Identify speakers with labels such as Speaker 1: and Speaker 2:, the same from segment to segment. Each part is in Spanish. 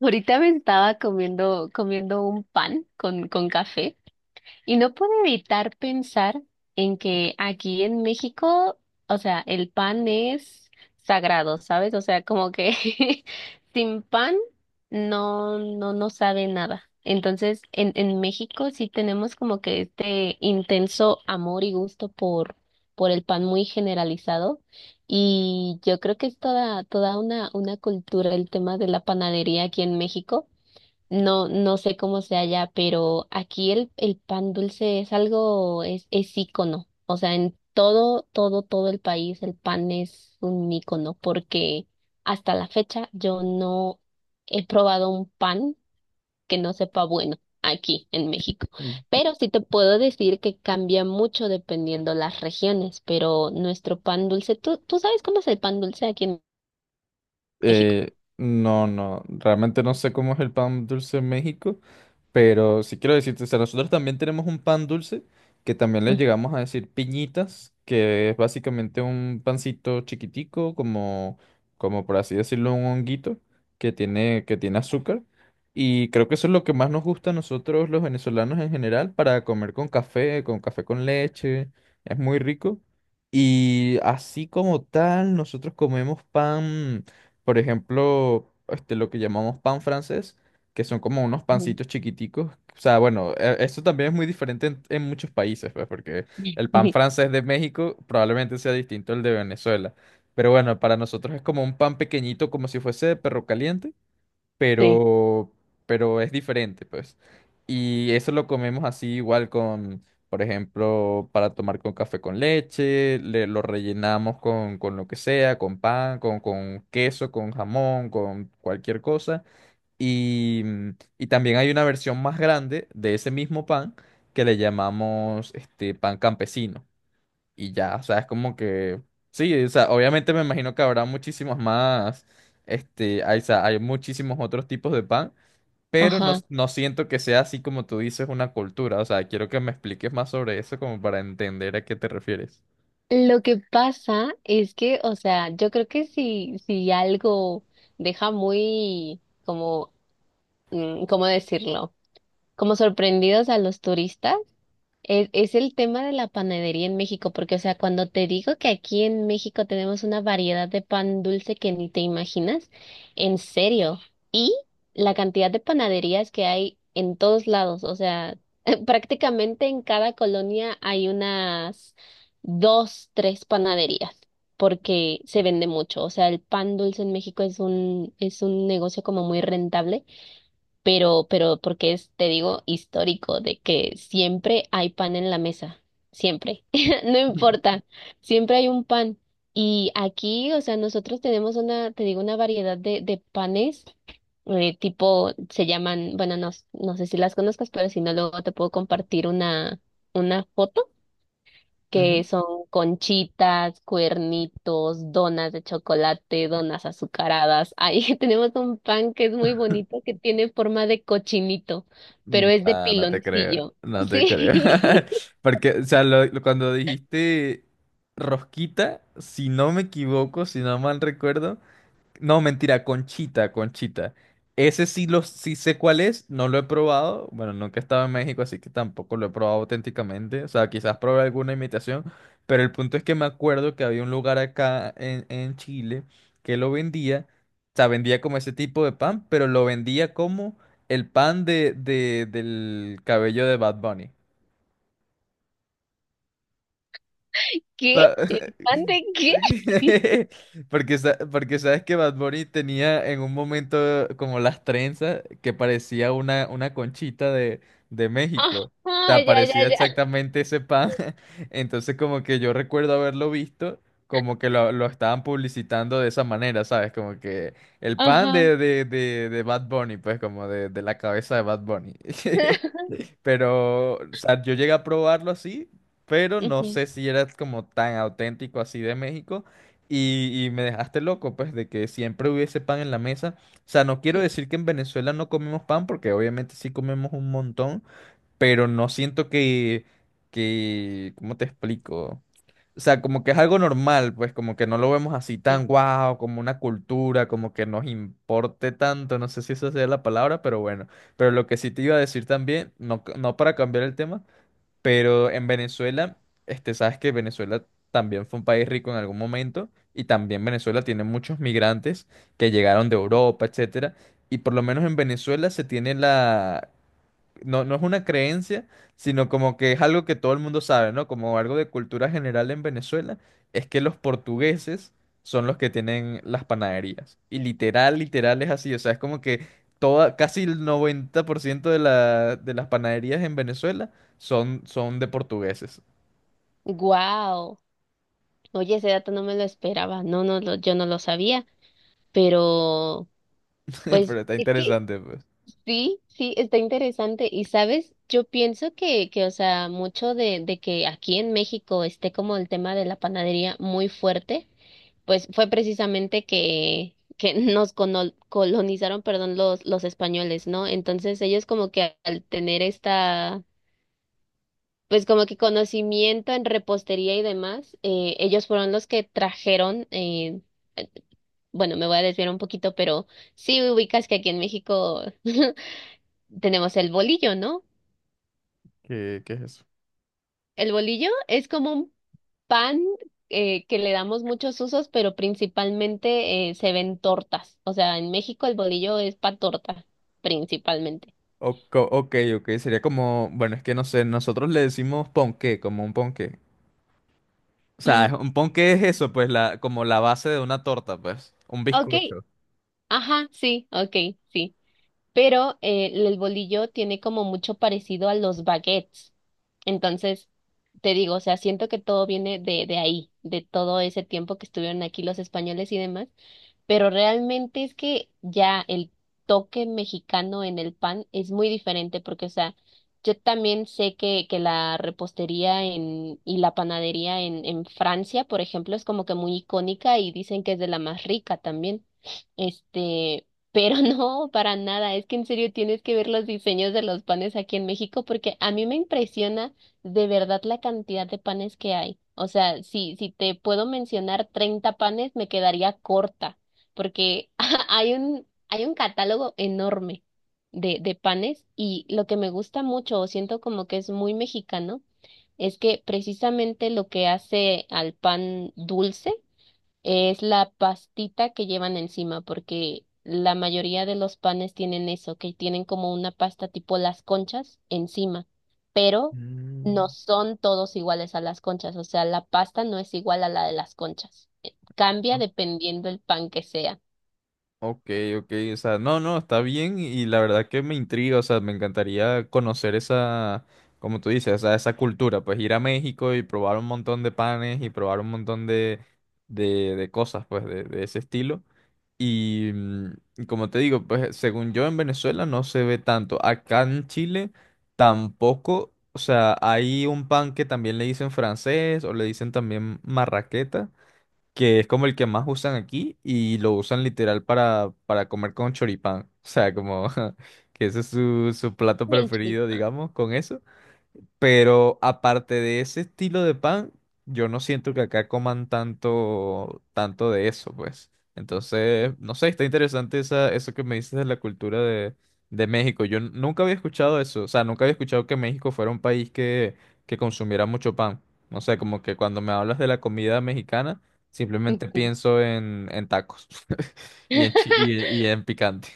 Speaker 1: Ahorita me estaba comiendo un pan con café. Y no puedo evitar pensar en que aquí en México, o sea, el pan es sagrado, ¿sabes? O sea, como que sin pan no sabe nada. Entonces, en México sí tenemos como que este intenso amor y gusto por el pan muy generalizado. Y yo creo que es toda una cultura el tema de la panadería aquí en México. No, no sé cómo sea allá, pero aquí el pan dulce es algo, es ícono. O sea, en todo, todo, todo el país el pan es un ícono, porque hasta la fecha yo no he probado un pan que no sepa bueno aquí en México. Pero sí te puedo decir que cambia mucho dependiendo las regiones, pero nuestro pan dulce, ¿tú sabes cómo es el pan dulce aquí en México?
Speaker 2: Eh, no, no, realmente no sé cómo es el pan dulce en México. Pero sí quiero decirte, o sea, nosotros también tenemos un pan dulce que también le llegamos a decir piñitas, que es básicamente un pancito chiquitico, como por así decirlo, un honguito que tiene azúcar. Y creo que eso es lo que más nos gusta a nosotros los venezolanos en general para comer con café, con café con leche. Es muy rico. Y así como tal, nosotros comemos pan, por ejemplo, este, lo que llamamos pan francés que son como unos
Speaker 1: Ujú.
Speaker 2: pancitos chiquiticos. O sea, bueno, eso también es muy diferente en muchos países, pues, porque el pan francés de México probablemente sea distinto al de Venezuela. Pero bueno, para nosotros es como un pan pequeñito, como si fuese de perro caliente,
Speaker 1: Sí.
Speaker 2: pero, pero es diferente, pues. Y eso lo comemos así igual con, por ejemplo, para tomar con café con leche, lo rellenamos con lo que sea, con pan, con queso, con jamón, con cualquier cosa. Y, mm, y también hay una versión más grande de ese mismo pan que le llamamos este pan campesino. Y ya, o sea, es como que sí, o sea, obviamente me imagino que habrá muchísimos más, este, hay, o sea, hay muchísimos otros tipos de pan, pero no,
Speaker 1: Ajá.
Speaker 2: no siento que sea así como tú dices una cultura. O sea, quiero que me expliques más sobre eso como para entender a qué te refieres.
Speaker 1: Lo que pasa es que, o sea, yo creo que si algo deja muy, como, ¿cómo decirlo? Como sorprendidos a los turistas. Es el tema de la panadería en México, porque, o sea, cuando te digo que aquí en México tenemos una variedad de pan dulce que ni te imaginas, en serio, y la cantidad de panaderías que hay en todos lados, o sea, prácticamente en cada colonia hay unas dos, tres panaderías, porque se vende mucho, o sea, el pan dulce en México es un negocio como muy rentable, pero porque es, te digo, histórico, de que siempre hay pan en la mesa, siempre, no
Speaker 2: Ujú.
Speaker 1: importa, siempre hay un pan. Y aquí, o sea, nosotros tenemos una, te digo, una variedad de panes, tipo, se llaman, bueno, no, no sé si las conozcas, pero si no, luego te puedo compartir una foto, que
Speaker 2: Ujú.
Speaker 1: son conchitas, cuernitos, donas de chocolate, donas azucaradas. Ahí tenemos un pan que es muy bonito, que tiene forma de cochinito, pero es de
Speaker 2: Nah, no te creo,
Speaker 1: piloncillo.
Speaker 2: no te creo.
Speaker 1: Sí.
Speaker 2: Porque, o sea, lo- cuando dijiste rosquita, si no me equivoco, si no mal recuerdo. No, mentira, Conchita, Conchita. Ese sí, lo, sí sé cuál es, no lo he probado. Bueno, nunca he estado en México, así que tampoco lo he probado auténticamente. O sea, quizás probé alguna imitación, pero el punto es que me acuerdo que había un lugar acá en Chile que lo vendía. O sea, vendía como ese tipo de pan, pero lo vendía como el pan de, del cabello de Bad Bunny.
Speaker 1: ¿Qué?
Speaker 2: Pa-
Speaker 1: ¿El pan de qué?
Speaker 2: Porque, sa- porque sabes que Bad Bunny tenía en un momento como las trenzas que parecía una conchita de México. O
Speaker 1: Ajá,
Speaker 2: sea,
Speaker 1: ya, ya,
Speaker 2: parecía
Speaker 1: ya.
Speaker 2: exactamente ese pan. Entonces como que yo recuerdo haberlo visto como que lo estaban publicitando de esa manera, ¿sabes? Como que el pan
Speaker 1: Ajá.
Speaker 2: de Bad Bunny, pues como de la cabeza de Bad Bunny. Pero, o sea, yo llegué a probarlo así, pero no
Speaker 1: Ujú,
Speaker 2: sé si era como tan auténtico así de México. Y me dejaste loco, pues, de que siempre hubiese pan en la mesa. O sea, no quiero
Speaker 1: sí,
Speaker 2: decir que en Venezuela no comemos pan, porque obviamente sí comemos un montón, pero no siento que, ¿cómo te explico? O sea, como que es algo normal, pues como que no lo vemos así
Speaker 1: sí.
Speaker 2: tan guau, como una cultura, como que nos importe tanto, no sé si esa sea la palabra, pero bueno. Pero lo que sí te iba a decir también, no, no para cambiar el tema, pero en Venezuela, este, sabes que Venezuela también fue un país rico en algún momento y también Venezuela tiene muchos migrantes que llegaron de Europa, etcétera, y por lo menos en Venezuela se tiene la no, no es una creencia, sino como que es algo que todo el mundo sabe, ¿no? Como algo de cultura general en Venezuela, es que los portugueses son los que tienen las panaderías. Y literal, literal es así, o sea, es como que toda, casi el 90% de la, de las panaderías en Venezuela son, son de portugueses.
Speaker 1: Wow. Oye, ese dato no me lo esperaba. No, no, yo no lo sabía, pero pues
Speaker 2: Pero está
Speaker 1: es que,
Speaker 2: interesante, pues.
Speaker 1: sí, sí, está interesante. Y sabes, yo pienso que, o sea, mucho de que aquí en México esté como el tema de la panadería muy fuerte, pues fue precisamente que colonizaron, perdón, los españoles, ¿no? Entonces ellos como que al tener esta, pues como que conocimiento en repostería y demás, ellos fueron los que trajeron, eh, bueno, me voy a desviar un poquito, pero sí ubicas que aquí en México tenemos el bolillo, ¿no?
Speaker 2: ¿Qué, qué es eso?
Speaker 1: El bolillo es como un pan, que le damos muchos usos, pero principalmente, se ven tortas. O sea, en México el bolillo es para torta, principalmente.
Speaker 2: Ok, ok, sería como, bueno, es que no sé, nosotros le decimos ponqué, como un ponqué. O sea,
Speaker 1: Mm,
Speaker 2: es un ponqué es eso, pues, la, como la base de una torta, pues. Un
Speaker 1: ok,
Speaker 2: bizcocho.
Speaker 1: ajá, sí, ok, sí. Pero, el bolillo tiene como mucho parecido a los baguettes. Entonces, te digo, o sea, siento que todo viene de ahí, de todo ese tiempo que estuvieron aquí los españoles y demás, pero realmente es que ya el toque mexicano en el pan es muy diferente porque, o sea, yo también sé que la repostería y la panadería en Francia, por ejemplo, es como que muy icónica y dicen que es de la más rica también. Este, pero no, para nada. Es que en serio tienes que ver los diseños de los panes aquí en México porque a mí me impresiona de verdad la cantidad de panes que hay. O sea, si te puedo mencionar 30 panes, me quedaría corta porque hay un catálogo enorme de panes, y lo que me gusta mucho o siento como que es muy mexicano es que precisamente lo que hace al pan dulce es la pastita que llevan encima, porque la mayoría de los panes tienen eso, que tienen como una pasta tipo las conchas encima, pero no
Speaker 2: Mm.
Speaker 1: son todos iguales a las conchas, o sea, la pasta no es igual a la de las conchas. Cambia dependiendo el pan que sea.
Speaker 2: Ok, ok, o sea, no, no, está bien y la verdad que me intriga, o sea, me encantaría conocer esa, como tú dices, o sea, esa cultura, pues ir a México y probar un montón de panes y probar un montón de cosas, pues, de ese estilo. Y como te digo, pues según yo en Venezuela no se ve tanto. Acá en Chile tampoco. O sea, hay un pan que también le dicen francés o le dicen también marraqueta, que es como el que más usan aquí y lo usan literal para comer con choripán. O sea, como que ese es su, su plato
Speaker 1: Y el
Speaker 2: preferido,
Speaker 1: choripán.
Speaker 2: digamos, con eso. Pero aparte de ese estilo de pan, yo no siento que acá coman tanto, tanto de eso, pues. Entonces, no sé, está interesante eso que me dices de la cultura de México. Yo n- nunca había escuchado eso, o sea, nunca había escuchado que México fuera un país que consumiera mucho pan. No sé, como que cuando me hablas de la comida mexicana, simplemente
Speaker 1: Ujú.
Speaker 2: pienso en tacos y en picante.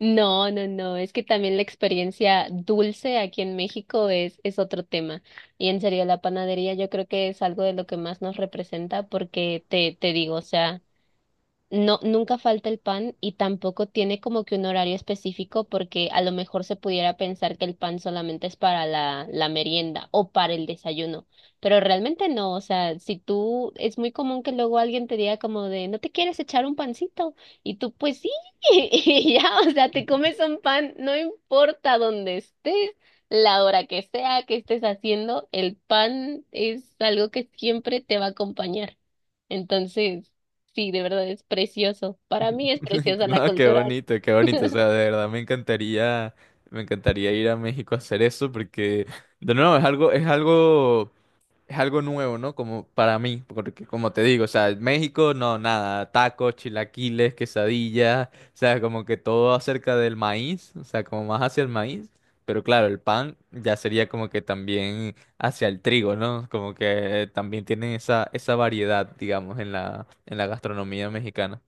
Speaker 1: No, no, no, es que también la experiencia dulce aquí en México es otro tema. Y en serio, la panadería yo creo que es algo de lo que más nos representa porque te digo, o sea. No, nunca falta el pan y tampoco tiene como que un horario específico porque a lo mejor se pudiera pensar que el pan solamente es para la merienda o para el desayuno, pero realmente no, o sea, si tú, es muy común que luego alguien te diga como de, ¿no te quieres echar un pancito? Y tú, pues sí, y ya, o sea, te comes un pan, no importa dónde estés, la hora que sea que estés haciendo, el pan es algo que siempre te va a acompañar. Entonces. Sí, de verdad es precioso. Para mí es preciosa la
Speaker 2: No, qué
Speaker 1: cultura.
Speaker 2: bonito, qué bonito. O sea, de verdad me encantaría ir a México a hacer eso porque, de nuevo, es algo nuevo, ¿no? Como para mí, porque como te digo, o sea, México, no, nada, tacos, chilaquiles, quesadillas, o sea, como que todo acerca del maíz, o sea, como más hacia el maíz. Pero claro, el pan ya sería como que también hacia el trigo, ¿no? Como que también tienen esa, esa variedad, digamos, en la gastronomía mexicana.